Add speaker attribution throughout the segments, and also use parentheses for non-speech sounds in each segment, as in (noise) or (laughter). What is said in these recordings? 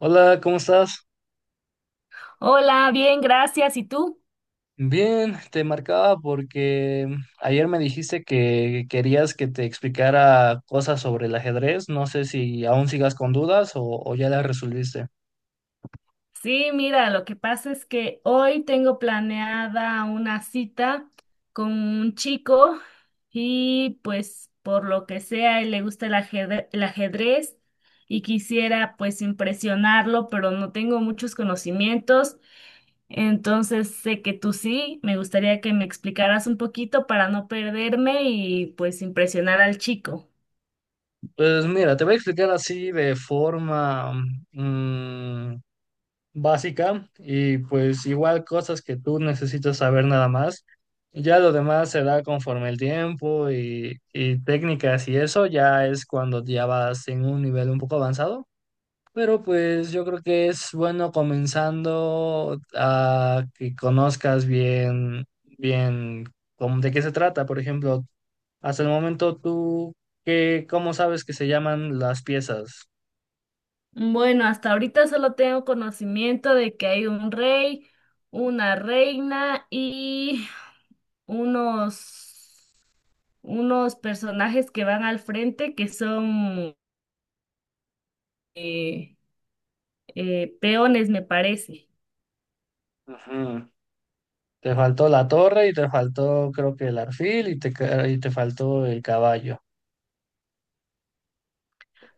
Speaker 1: Hola, ¿cómo estás?
Speaker 2: Hola, bien, gracias. ¿Y tú?
Speaker 1: Bien, te marcaba porque ayer me dijiste que querías que te explicara cosas sobre el ajedrez. No sé si aún sigas con dudas o ya las resolviste.
Speaker 2: Sí, mira, lo que pasa es que hoy tengo planeada una cita con un chico y pues por lo que sea, él le gusta el ajedrez y quisiera pues impresionarlo, pero no tengo muchos conocimientos, entonces sé que tú sí, me gustaría que me explicaras un poquito para no perderme y pues impresionar al chico.
Speaker 1: Pues mira, te voy a explicar así de forma mm, básica y pues igual cosas que tú necesitas saber nada más. Ya lo demás se da conforme el tiempo y técnicas y eso ya es cuando ya vas en un nivel un poco avanzado. Pero pues yo creo que es bueno comenzando a que conozcas bien, bien de qué se trata. Por ejemplo, hasta el momento tú, ¿ cómo sabes que se llaman las piezas?
Speaker 2: Bueno, hasta ahorita solo tengo conocimiento de que hay un rey, una reina y unos, unos personajes que van al frente que son eh, peones, me parece.
Speaker 1: Ujú. Te faltó la torre y te faltó creo que el arfil y te faltó el caballo.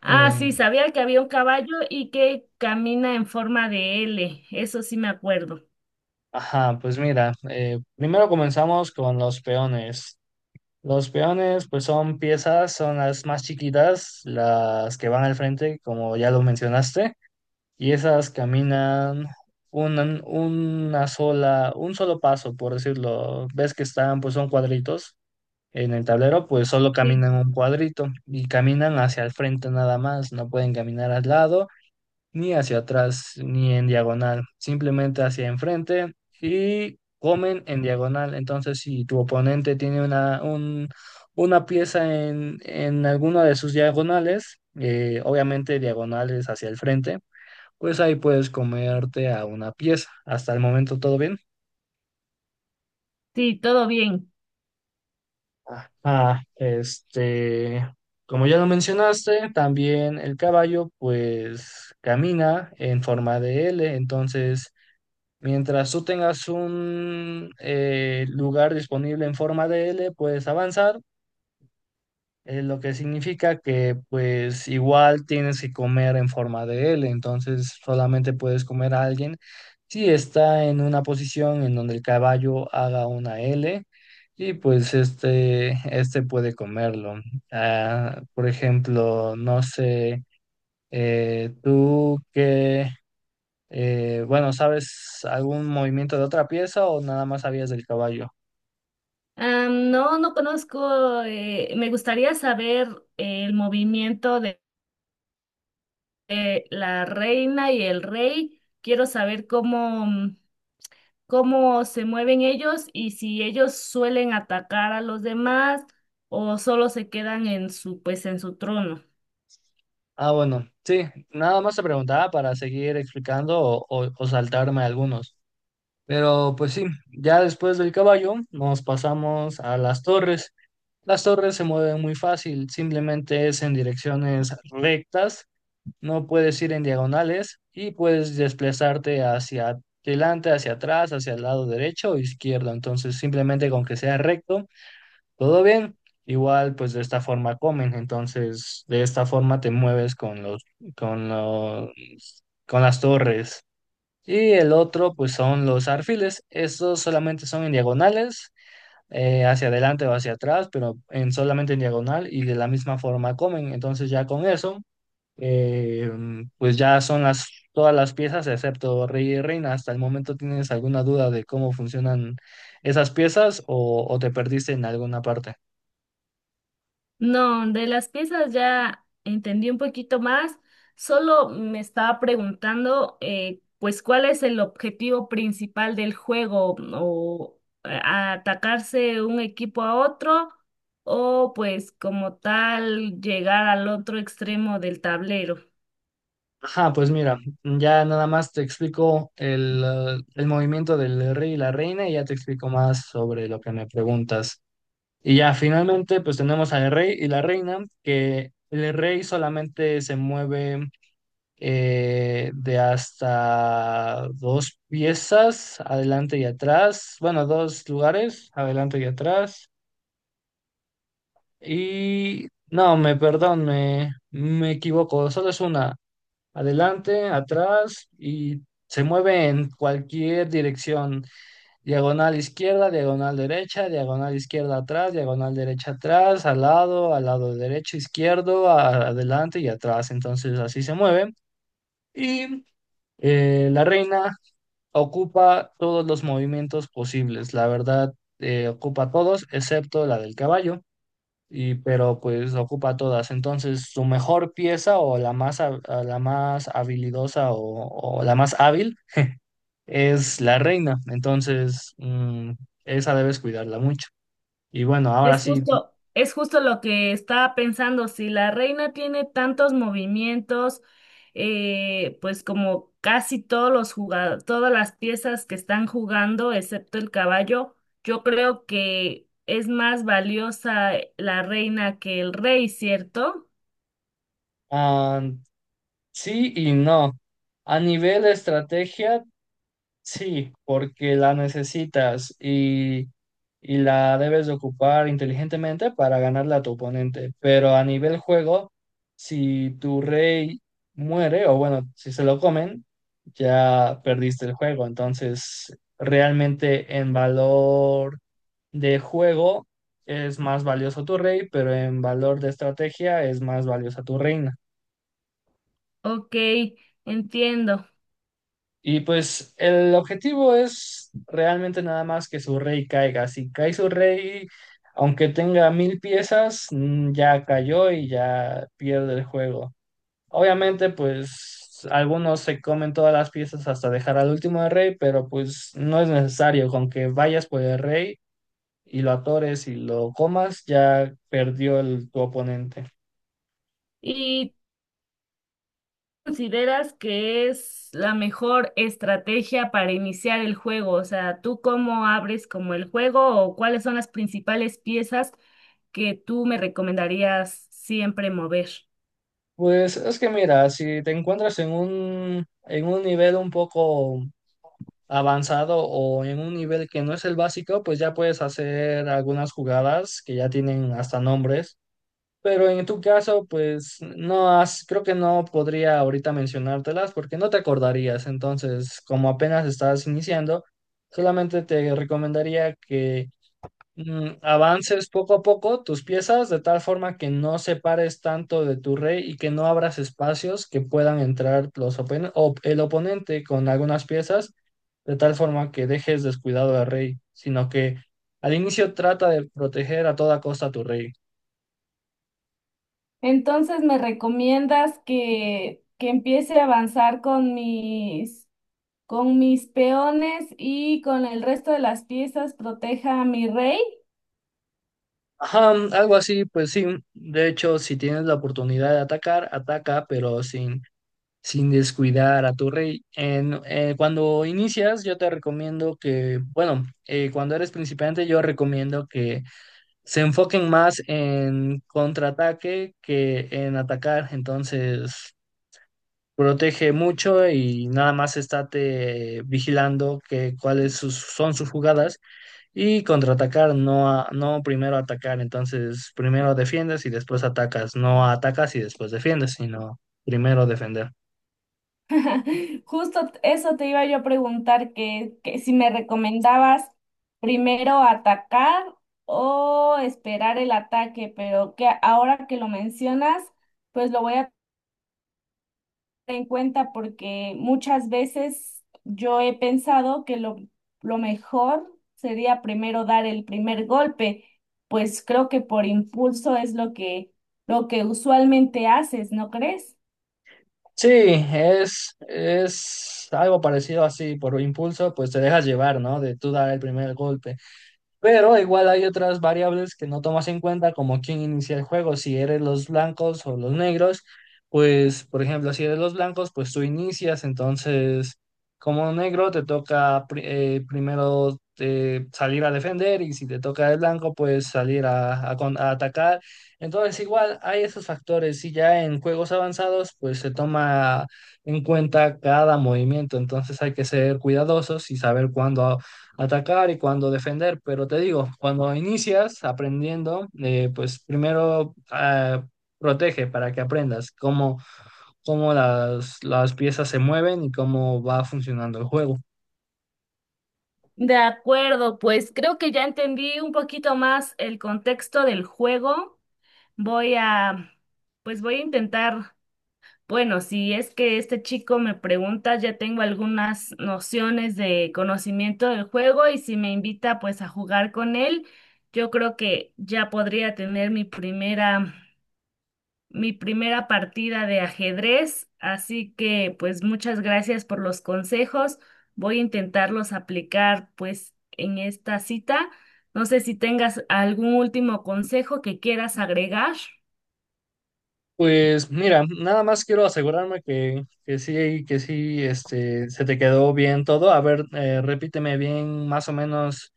Speaker 2: Ah,
Speaker 1: Eh,
Speaker 2: sí, sabía que había un caballo y que camina en forma de L, eso sí me acuerdo.
Speaker 1: ajá, pues mira, primero comenzamos con los peones. Los peones, pues son piezas, son las más chiquitas, las que van al frente, como ya lo mencionaste, y esas caminan una sola, un solo paso, por decirlo. Ves que están, pues son cuadritos en el tablero, pues solo
Speaker 2: Sí,
Speaker 1: caminan un cuadrito y caminan hacia el frente nada más, no pueden caminar al lado ni hacia atrás ni en diagonal, simplemente hacia enfrente y comen en diagonal. Entonces, si tu oponente tiene una pieza en alguna de sus diagonales, obviamente diagonales hacia el frente, pues ahí puedes comerte a una pieza. Hasta el momento todo bien.
Speaker 2: sí, todo bien.
Speaker 1: Ah, este, Como ya lo mencionaste, también el caballo pues camina en forma de L. Entonces mientras tú tengas un lugar disponible en forma de L, puedes avanzar, lo que significa que pues igual tienes que comer en forma de L. Entonces solamente puedes comer a alguien si está en una posición en donde el caballo haga una L y pues este puede comerlo. Ah, por ejemplo, no sé, tú qué bueno, ¿sabes algún movimiento de otra pieza o nada más sabías del caballo?
Speaker 2: Ah, no, no conozco, me gustaría saber el movimiento de la reina y el rey. Quiero saber cómo, cómo se mueven ellos y si ellos suelen atacar a los demás o solo se quedan en su, pues, en su trono.
Speaker 1: Ah, bueno, sí, nada más te preguntaba para seguir explicando o saltarme algunos. Pero pues sí, ya después del caballo nos pasamos a las torres. Las torres se mueven muy fácil, simplemente es en direcciones rectas, no puedes ir en diagonales y puedes desplazarte hacia adelante, hacia atrás, hacia el lado derecho o izquierdo. Entonces, simplemente con que sea recto, todo bien. Igual, pues de esta forma comen. Entonces de esta forma te mueves con los, con las torres. Y el otro, pues son los arfiles. Estos solamente son en diagonales, hacia adelante o hacia atrás, pero en solamente en diagonal y de la misma forma comen. Entonces ya con eso, eh, pues ya son las todas las piezas excepto rey y reina. Hasta el momento, ¿tienes alguna duda de cómo funcionan esas piezas o te perdiste en alguna parte?
Speaker 2: No, de las piezas ya entendí un poquito más. Solo me estaba preguntando, pues, ¿cuál es el objetivo principal del juego? ¿O atacarse un equipo a otro? ¿O pues como tal llegar al otro extremo del tablero?
Speaker 1: Ajá, pues mira, ya nada más te explico el movimiento del rey y la reina y ya te explico más sobre lo que me preguntas. Y ya finalmente, pues tenemos al rey y la reina, que el rey solamente se mueve de hasta dos piezas, adelante y atrás, bueno, dos lugares, adelante y atrás. Y no, me perdón, me equivoco, solo es una adelante, atrás y se mueve en cualquier dirección. Diagonal izquierda, diagonal derecha, diagonal izquierda atrás, diagonal derecha atrás, al lado derecho, izquierdo, adelante y atrás. Entonces así se mueve. Y la reina ocupa todos los movimientos posibles. La verdad, ocupa todos excepto la del caballo y pero pues ocupa todas. Entonces, su mejor pieza o a la más habilidosa o la más hábil es la reina. Entonces, esa debes cuidarla mucho. Y bueno, ahora sí,
Speaker 2: Es justo lo que estaba pensando. Si la reina tiene tantos movimientos, pues como casi todos los jugadores, todas las piezas que están jugando, excepto el caballo, yo creo que es más valiosa la reina que el rey, ¿cierto?
Speaker 1: ah, sí y no. A nivel de estrategia, sí, porque la necesitas y la debes de ocupar inteligentemente para ganarla a tu oponente. Pero a nivel juego, si tu rey muere, o bueno, si se lo comen, ya perdiste el juego. Entonces, realmente en valor de juego es más valioso tu rey, pero en valor de estrategia es más valiosa tu reina.
Speaker 2: Ok, entiendo.
Speaker 1: Y pues el objetivo es realmente nada más que su rey caiga. Si cae su rey, aunque tenga mil piezas, ya cayó y ya pierde el juego. Obviamente, pues algunos se comen todas las piezas hasta dejar al último de rey, pero pues no es necesario. Con que vayas por el rey y lo atores y lo comas, ya perdió tu oponente.
Speaker 2: ¿Y consideras que es la mejor estrategia para iniciar el juego? O sea, ¿tú cómo abres como el juego o cuáles son las principales piezas que tú me recomendarías siempre mover?
Speaker 1: Pues es que mira, si te encuentras en un nivel un poco avanzado o en un nivel que no es el básico, pues ya puedes hacer algunas jugadas que ya tienen hasta nombres. Pero en tu caso, pues no has, creo que no podría ahorita mencionártelas porque no te acordarías. Entonces, como apenas estás iniciando, solamente te recomendaría que avances poco a poco tus piezas de tal forma que no separes tanto de tu rey y que no abras espacios que puedan entrar los el oponente con algunas piezas de tal forma que dejes descuidado al rey, sino que al inicio trata de proteger a toda costa a tu rey.
Speaker 2: Entonces, ¿me recomiendas que, empiece a avanzar con mis peones y con el resto de las piezas proteja a mi rey?
Speaker 1: Ajá, algo así, pues sí. De hecho, si tienes la oportunidad de atacar, ataca, pero sin descuidar a tu rey. Cuando inicias, yo te recomiendo que, bueno, cuando eres principiante, yo recomiendo que se enfoquen más en contraataque que en atacar. Entonces, protege mucho y nada más estate vigilando que son sus jugadas y contraatacar, no, no primero atacar. Entonces primero defiendes y después atacas, no atacas y después defiendes, sino primero defender.
Speaker 2: (laughs) Justo eso te iba yo a preguntar, que si me recomendabas primero atacar o esperar el ataque, pero que ahora que lo mencionas, pues lo voy a tener en cuenta porque muchas veces yo he pensado que lo mejor sería primero dar el primer golpe, pues creo que por impulso es lo que usualmente haces, ¿no crees?
Speaker 1: Sí, es algo parecido así, por impulso, pues te dejas llevar, ¿no? De tú dar el primer golpe. Pero igual hay otras variables que no tomas en cuenta, como quién inicia el juego. Si eres los blancos o los negros, pues, por ejemplo, si eres los blancos, pues tú inicias. Entonces, como negro, te toca primero salir a defender y si te toca el blanco, pues salir a atacar. Entonces, igual hay esos factores. Y ya en juegos avanzados, pues se toma en cuenta cada movimiento. Entonces, hay que ser cuidadosos y saber cuándo atacar y cuando defender. Pero te digo, cuando inicias aprendiendo, pues primero ah, protege para que aprendas cómo las piezas se mueven y cómo va funcionando el juego.
Speaker 2: De acuerdo, pues creo que ya entendí un poquito más el contexto del juego. Voy a, pues voy a intentar, bueno, si es que este chico me pregunta, ya tengo algunas nociones de conocimiento del juego y si me invita pues a jugar con él, yo creo que ya podría tener mi primera partida de ajedrez, así que pues muchas gracias por los consejos. Voy a intentarlos aplicar pues en esta cita. No sé si tengas algún último consejo que quieras agregar.
Speaker 1: Pues mira, nada más quiero asegurarme que sí, este, se te quedó bien todo. A ver, repíteme bien más o menos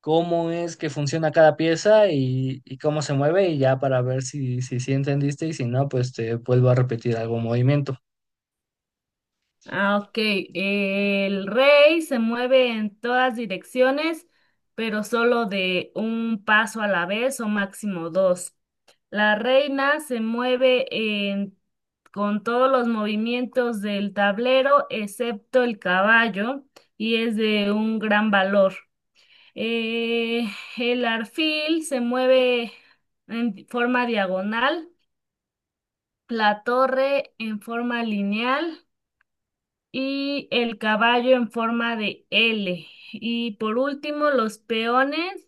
Speaker 1: cómo es que funciona cada pieza y cómo se mueve y ya para ver si, si, sí entendiste y si no, pues te vuelvo a repetir algún movimiento.
Speaker 2: Ah, ok. El rey se mueve en todas direcciones, pero solo de un paso a la vez o máximo dos. La reina se mueve en- Con todos los movimientos del tablero, excepto el caballo, y es de un gran valor. Eh, el arfil se mueve en forma diagonal, la torre en forma lineal y el caballo en forma de L. Y por último, los peones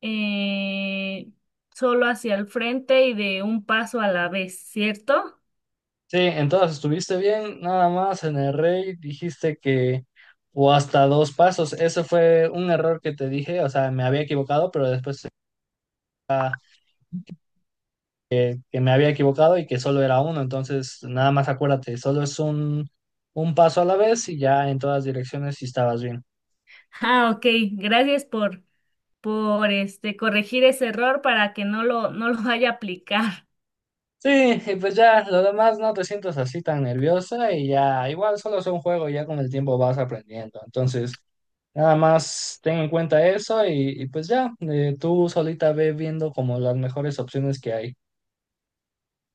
Speaker 2: eh, solo hacia el frente y de un paso a la vez, ¿cierto?
Speaker 1: Sí, entonces estuviste bien, nada más en el rey dijiste que o hasta dos pasos, eso fue un error que te dije, o sea, me había equivocado, pero después que me había equivocado y que solo era uno. Entonces nada más acuérdate, solo es un paso a la vez y ya en todas direcciones si estabas bien.
Speaker 2: Ah, ok, gracias por este, corregir ese error para que no lo vaya a aplicar.
Speaker 1: Sí, y pues ya, lo demás no te sientas así tan nerviosa y ya, igual solo es un juego, y ya con el tiempo vas aprendiendo. Entonces, nada más ten en cuenta eso y pues ya, tú solita ve viendo como las mejores opciones que hay.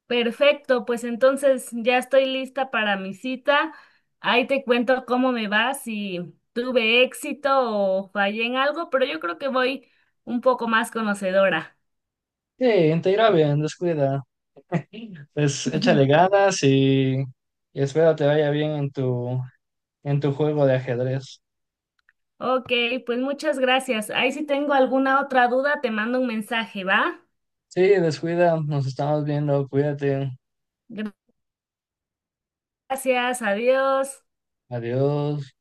Speaker 2: Perfecto, pues entonces ya estoy lista para mi cita. Ahí te cuento cómo me va, si tuve éxito o fallé en algo, pero yo creo que voy un poco más conocedora.
Speaker 1: Sí, te irá bien, descuida.
Speaker 2: (laughs)
Speaker 1: Pues
Speaker 2: Ujú.
Speaker 1: échale ganas y espero te vaya bien en tu juego de ajedrez.
Speaker 2: Ok, pues muchas gracias. Ahí si tengo alguna otra duda, te mando un mensaje, ¿va?
Speaker 1: Sí, descuida, nos estamos viendo, cuídate,
Speaker 2: Gracias, adiós.
Speaker 1: adiós.